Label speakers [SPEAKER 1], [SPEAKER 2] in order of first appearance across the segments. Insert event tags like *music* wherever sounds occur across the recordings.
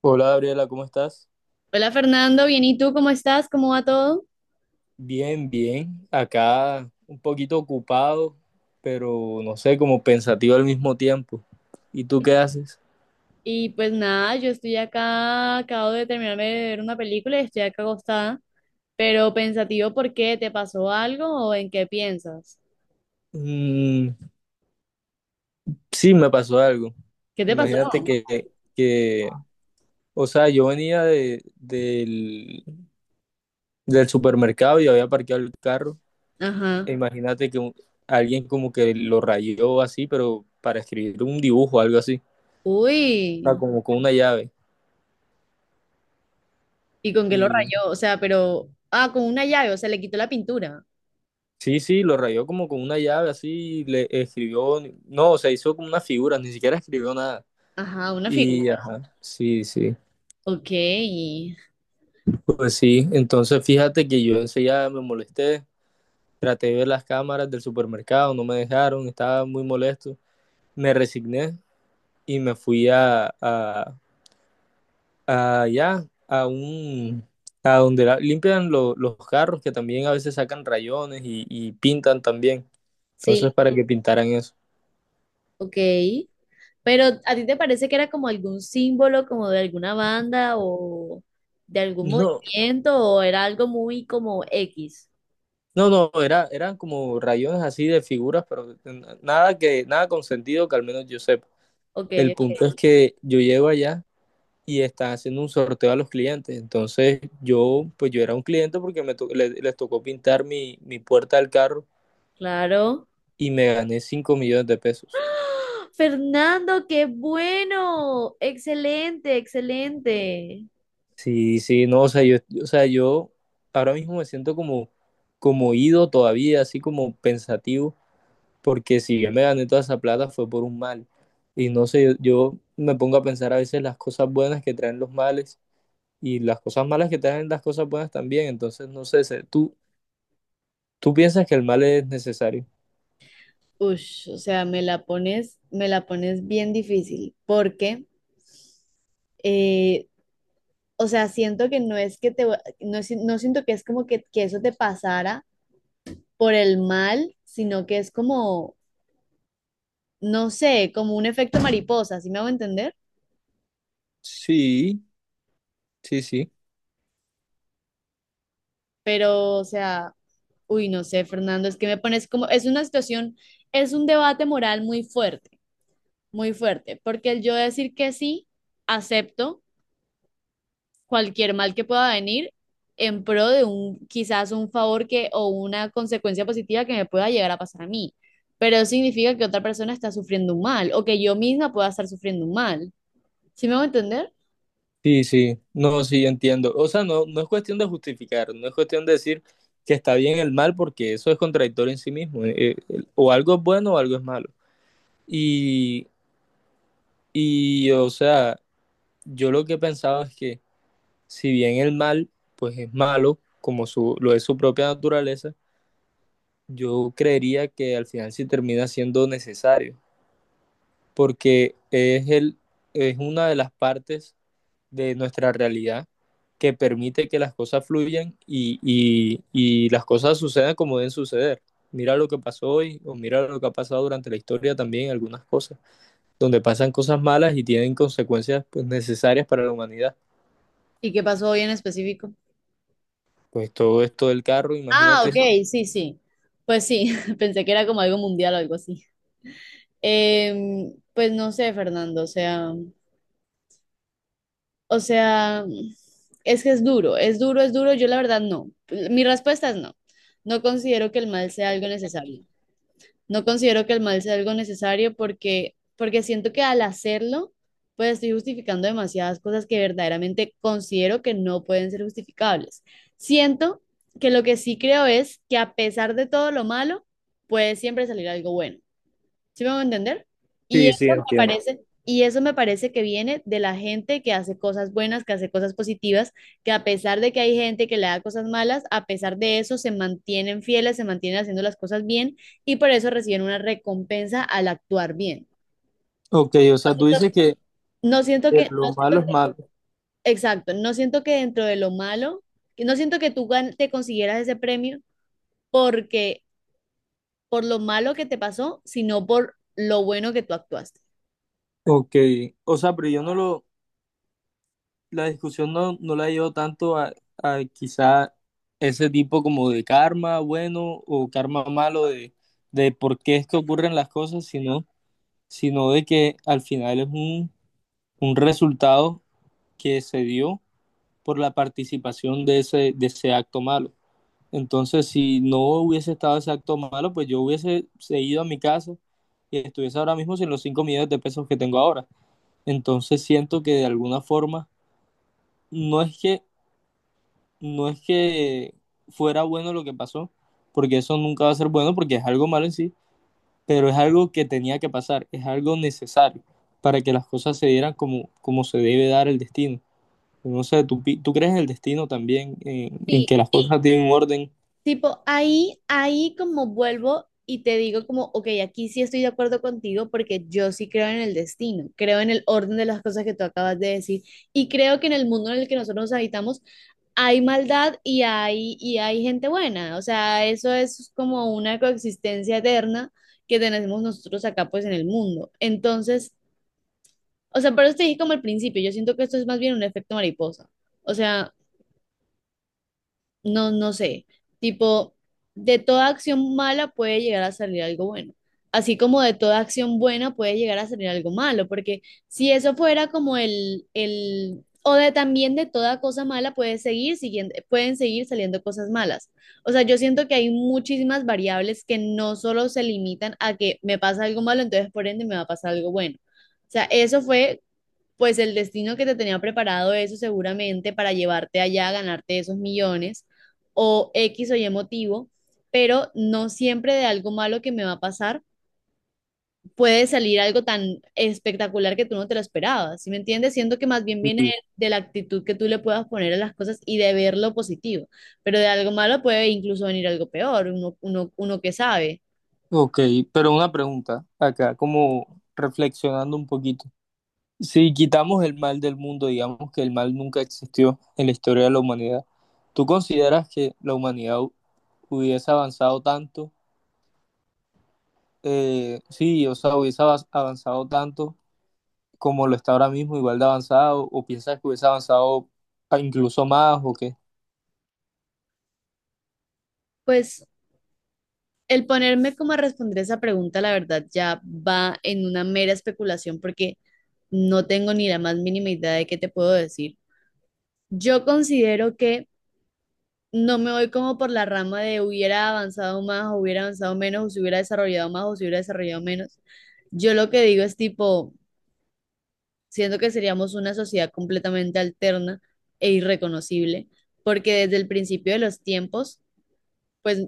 [SPEAKER 1] Hola Gabriela, ¿cómo estás?
[SPEAKER 2] Hola Fernando, bien, ¿y tú cómo estás? ¿Cómo va todo?
[SPEAKER 1] Bien, bien. Acá un poquito ocupado, pero no sé, como pensativo al mismo tiempo. ¿Y tú qué haces?
[SPEAKER 2] Y pues nada, yo estoy acá, acabo de terminarme de ver una película y estoy acá acostada, pero pensativo ¿por qué? ¿Te pasó algo o en qué piensas?
[SPEAKER 1] Mm, sí, me pasó algo.
[SPEAKER 2] ¿Qué te pasó?
[SPEAKER 1] Imagínate que, que o sea, yo venía del supermercado y había parqueado el carro.
[SPEAKER 2] Ajá.
[SPEAKER 1] E imagínate que alguien como que lo rayó así, pero para escribir un dibujo, algo así. O sea,
[SPEAKER 2] Uy,
[SPEAKER 1] como con una llave.
[SPEAKER 2] ¿y con qué lo rayó? O sea, pero, ah, con una llave, o sea, le quitó la pintura.
[SPEAKER 1] Sí, sí, lo rayó como con una llave así, le escribió, no, o sea, hizo como una figura, ni siquiera escribió nada.
[SPEAKER 2] Ajá, una
[SPEAKER 1] Y
[SPEAKER 2] figura.
[SPEAKER 1] ajá, sí, sí,
[SPEAKER 2] Ok,
[SPEAKER 1] pues sí, entonces fíjate que yo enseguida me molesté, traté de ver las cámaras del supermercado, no me dejaron, estaba muy molesto, me resigné y me fui a allá, a donde limpian los carros, que también a veces sacan rayones y pintan también,
[SPEAKER 2] sí,
[SPEAKER 1] entonces para que pintaran eso.
[SPEAKER 2] ok. Pero ¿a ti te parece que era como algún símbolo, como de alguna banda o de algún
[SPEAKER 1] No,
[SPEAKER 2] movimiento o era algo muy como X?
[SPEAKER 1] no, no, era, eran como rayones así de figuras, pero nada con sentido, que al menos yo sepa.
[SPEAKER 2] Ok,
[SPEAKER 1] El punto
[SPEAKER 2] ok,
[SPEAKER 1] es que yo llego allá y están haciendo un sorteo a los clientes. Entonces pues yo era un cliente porque les tocó pintar mi puerta del carro
[SPEAKER 2] claro.
[SPEAKER 1] y me gané 5 millones de pesos.
[SPEAKER 2] ¡Ah! Fernando, qué bueno. Excelente, excelente.
[SPEAKER 1] Sí, sí, no, o sea, o sea, yo ahora mismo me siento como ido todavía, así como pensativo porque si yo me gané toda esa plata fue por un mal. Y no sé, yo me pongo a pensar a veces las cosas buenas que traen los males y las cosas malas que traen las cosas buenas también. Entonces, no sé, ¿tú piensas que el mal es necesario?
[SPEAKER 2] Ush, o sea, me la pones bien difícil, porque, eh, o sea, siento que no es que te, va- no, si- no siento que es como que eso te pasara por el mal, sino que es como no sé, como un efecto mariposa, ¿sí me hago entender?
[SPEAKER 1] Sí, sí, sí.
[SPEAKER 2] Pero, o sea, uy, no sé, Fernando, es que me pones como, es una situación, es un debate moral muy fuerte, porque el yo decir que sí, acepto cualquier mal que pueda venir en pro de un, quizás un favor que, o una consecuencia positiva que me pueda llegar a pasar a mí, pero eso significa que otra persona está sufriendo un mal, o que yo misma pueda estar sufriendo un mal, ¿sí me hago entender?
[SPEAKER 1] Sí, sí, no, sí, entiendo. O sea, no, no es cuestión de justificar, no es cuestión de decir que está bien el mal, porque eso es contradictorio en sí mismo. O algo es bueno o algo es malo. Y, o sea, yo lo que pensaba es que si bien el mal pues es malo, como su, lo es su propia naturaleza, yo creería que al final sí termina siendo necesario, porque es una de las partes de nuestra realidad que permite que las cosas fluyan y las cosas sucedan como deben suceder. Mira lo que pasó hoy o mira lo que ha pasado durante la historia también, algunas cosas, donde pasan cosas malas y tienen consecuencias pues necesarias para la humanidad.
[SPEAKER 2] ¿Y qué pasó hoy en específico?
[SPEAKER 1] Pues todo esto del carro,
[SPEAKER 2] Ah, ok,
[SPEAKER 1] imagínate.
[SPEAKER 2] sí, sí. Pues sí, *laughs* pensé que era como algo mundial o algo así. Pues no sé, Fernando, o sea, es que es duro, es duro, es duro. Yo la verdad no. Mi respuesta es no. No considero que el mal sea algo necesario. No considero que el mal sea algo necesario porque, porque siento que al hacerlo, pues estoy justificando demasiadas cosas que verdaderamente considero que no pueden ser justificables. Siento que lo que sí creo es que a pesar de todo lo malo, puede siempre salir algo bueno. ¿Sí me van a entender? Y
[SPEAKER 1] Sí,
[SPEAKER 2] eso
[SPEAKER 1] sí,
[SPEAKER 2] me
[SPEAKER 1] entiendo.
[SPEAKER 2] parece, y eso me parece que viene de la gente que hace cosas buenas, que hace cosas positivas, que a pesar de que hay gente que le da cosas malas, a pesar de eso se mantienen fieles, se mantienen haciendo las cosas bien y por eso reciben una recompensa al actuar bien.
[SPEAKER 1] Ok, o sea, tú dices que
[SPEAKER 2] No siento que,
[SPEAKER 1] lo
[SPEAKER 2] no
[SPEAKER 1] malo
[SPEAKER 2] siento
[SPEAKER 1] es
[SPEAKER 2] que-
[SPEAKER 1] malo.
[SPEAKER 2] exacto, no siento que dentro de lo malo, que no siento que tú gan- te consiguieras ese premio porque por lo malo que te pasó, sino por lo bueno que tú actuaste.
[SPEAKER 1] Ok, o sea, pero yo no lo, la discusión no, no la llevo tanto a, quizá ese tipo como de karma bueno o karma malo de por qué es que ocurren las cosas, sino de que al final es un resultado que se dio por la participación de ese acto malo. Entonces, si no hubiese estado ese acto malo, pues yo hubiese seguido a mi casa y estuviese ahora mismo sin los 5 millones de pesos que tengo ahora. Entonces, siento que de alguna forma, no es que, no es que fuera bueno lo que pasó, porque eso nunca va a ser bueno, porque es algo malo en sí, pero es algo que tenía que pasar, es algo necesario para que las cosas se dieran como, como se debe dar el destino. No sé, ¿tú crees en el destino también, en
[SPEAKER 2] Sí.
[SPEAKER 1] que las sí, cosas tienen un orden?
[SPEAKER 2] Tipo, ahí, ahí como vuelvo y te digo como, ok, aquí sí estoy de acuerdo contigo porque yo sí creo en el destino, creo en el orden de las cosas que tú acabas de decir y creo que en el mundo en el que nosotros nos habitamos hay maldad y hay gente buena, o sea, eso es como una coexistencia eterna que tenemos nosotros acá pues en el mundo. Entonces, o sea, por eso te dije como al principio, yo siento que esto es más bien un efecto mariposa, o sea no, no sé, tipo, de toda acción mala puede llegar a salir algo bueno, así como de toda acción buena puede llegar a salir algo malo, porque si eso fuera como el, o de también de toda cosa mala puede seguir siguiendo, pueden seguir saliendo cosas malas. O sea, yo siento que hay muchísimas variables que no solo se limitan a que me pasa algo malo, entonces por ende me va a pasar algo bueno. O sea, eso fue pues el destino que te tenía preparado eso seguramente para llevarte allá, a ganarte esos millones o X o Y motivo, pero no siempre de algo malo que me va a pasar puede salir algo tan espectacular que tú no te lo esperabas, ¿sí me entiendes? Siento que más bien viene de la actitud que tú le puedas poner a las cosas y de ver lo positivo, pero de algo malo puede incluso venir algo peor, uno, uno, uno que sabe.
[SPEAKER 1] Ok, pero una pregunta acá, como reflexionando un poquito. Si quitamos el mal del mundo, digamos que el mal nunca existió en la historia de la humanidad, ¿tú consideras que la humanidad hubiese avanzado tanto? Sí, o sea, hubiese avanzado tanto como lo está ahora mismo, igual de avanzado, ¿o piensas que hubiese avanzado, incluso más o qué?
[SPEAKER 2] Pues el ponerme como a responder esa pregunta, la verdad, ya va en una mera especulación porque no tengo ni la más mínima idea de qué te puedo decir. Yo considero que no me voy como por la rama de hubiera avanzado más o hubiera avanzado menos o se hubiera desarrollado más o se hubiera desarrollado menos. Yo lo que digo es tipo, siento que seríamos una sociedad completamente alterna e irreconocible, porque desde el principio de los tiempos pues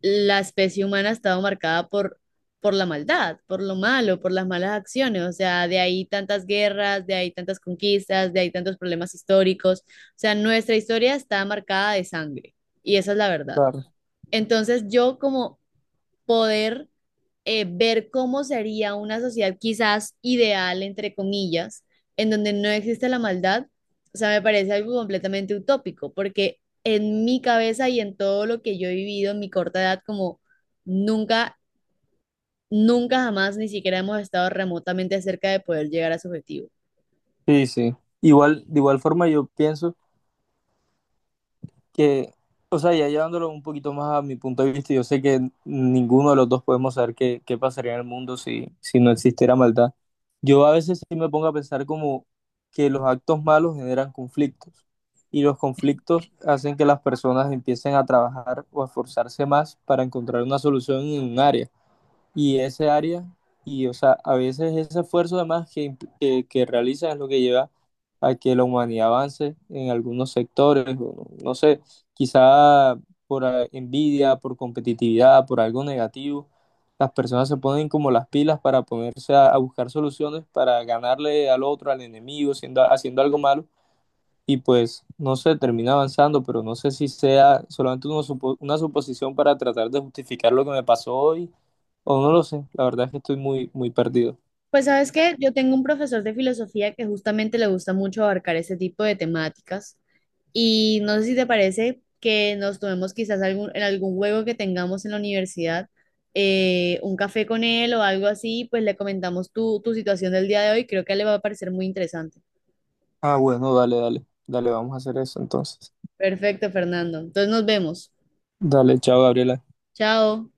[SPEAKER 2] la especie humana ha estado marcada por la maldad, por lo malo, por las malas acciones. O sea, de ahí tantas guerras, de ahí tantas conquistas, de ahí tantos problemas históricos. O sea, nuestra historia está marcada de sangre y esa es la verdad.
[SPEAKER 1] Claro.
[SPEAKER 2] Entonces yo como poder ver cómo sería una sociedad quizás ideal, entre comillas, en donde no existe la maldad, o sea, me parece algo completamente utópico, porque en mi cabeza y en todo lo que yo he vivido en mi corta edad, como nunca, nunca jamás ni siquiera hemos estado remotamente cerca de poder llegar a su objetivo.
[SPEAKER 1] Sí, sí. Igual, de igual forma yo pienso que, o sea, ya llevándolo un poquito más a mi punto de vista, yo sé que ninguno de los dos podemos saber qué, pasaría en el mundo si no existiera maldad. Yo a veces sí me pongo a pensar como que los actos malos generan conflictos y los conflictos hacen que las personas empiecen a trabajar o a esforzarse más para encontrar una solución en un área y ese área, y o sea, a veces ese esfuerzo además que realiza es lo que lleva a que la humanidad avance en algunos sectores, o no, no sé, quizá por envidia, por competitividad, por algo negativo, las personas se ponen como las pilas para ponerse a buscar soluciones para ganarle al otro, al enemigo, haciendo algo malo. Y pues no sé, termina avanzando, pero no sé si sea solamente una suposición para tratar de justificar lo que me pasó hoy, o no lo sé, la verdad es que estoy muy, muy perdido.
[SPEAKER 2] Pues sabes que yo tengo un profesor de filosofía que justamente le gusta mucho abarcar ese tipo de temáticas. Y no sé si te parece que nos tomemos quizás algún, en algún juego que tengamos en la universidad, un café con él o algo así, pues le comentamos tu, tu situación del día de hoy. Creo que a él le va a parecer muy interesante.
[SPEAKER 1] Ah, bueno, dale, dale, dale, vamos a hacer eso entonces.
[SPEAKER 2] Perfecto, Fernando. Entonces nos vemos.
[SPEAKER 1] Dale, chao, Gabriela.
[SPEAKER 2] Chao.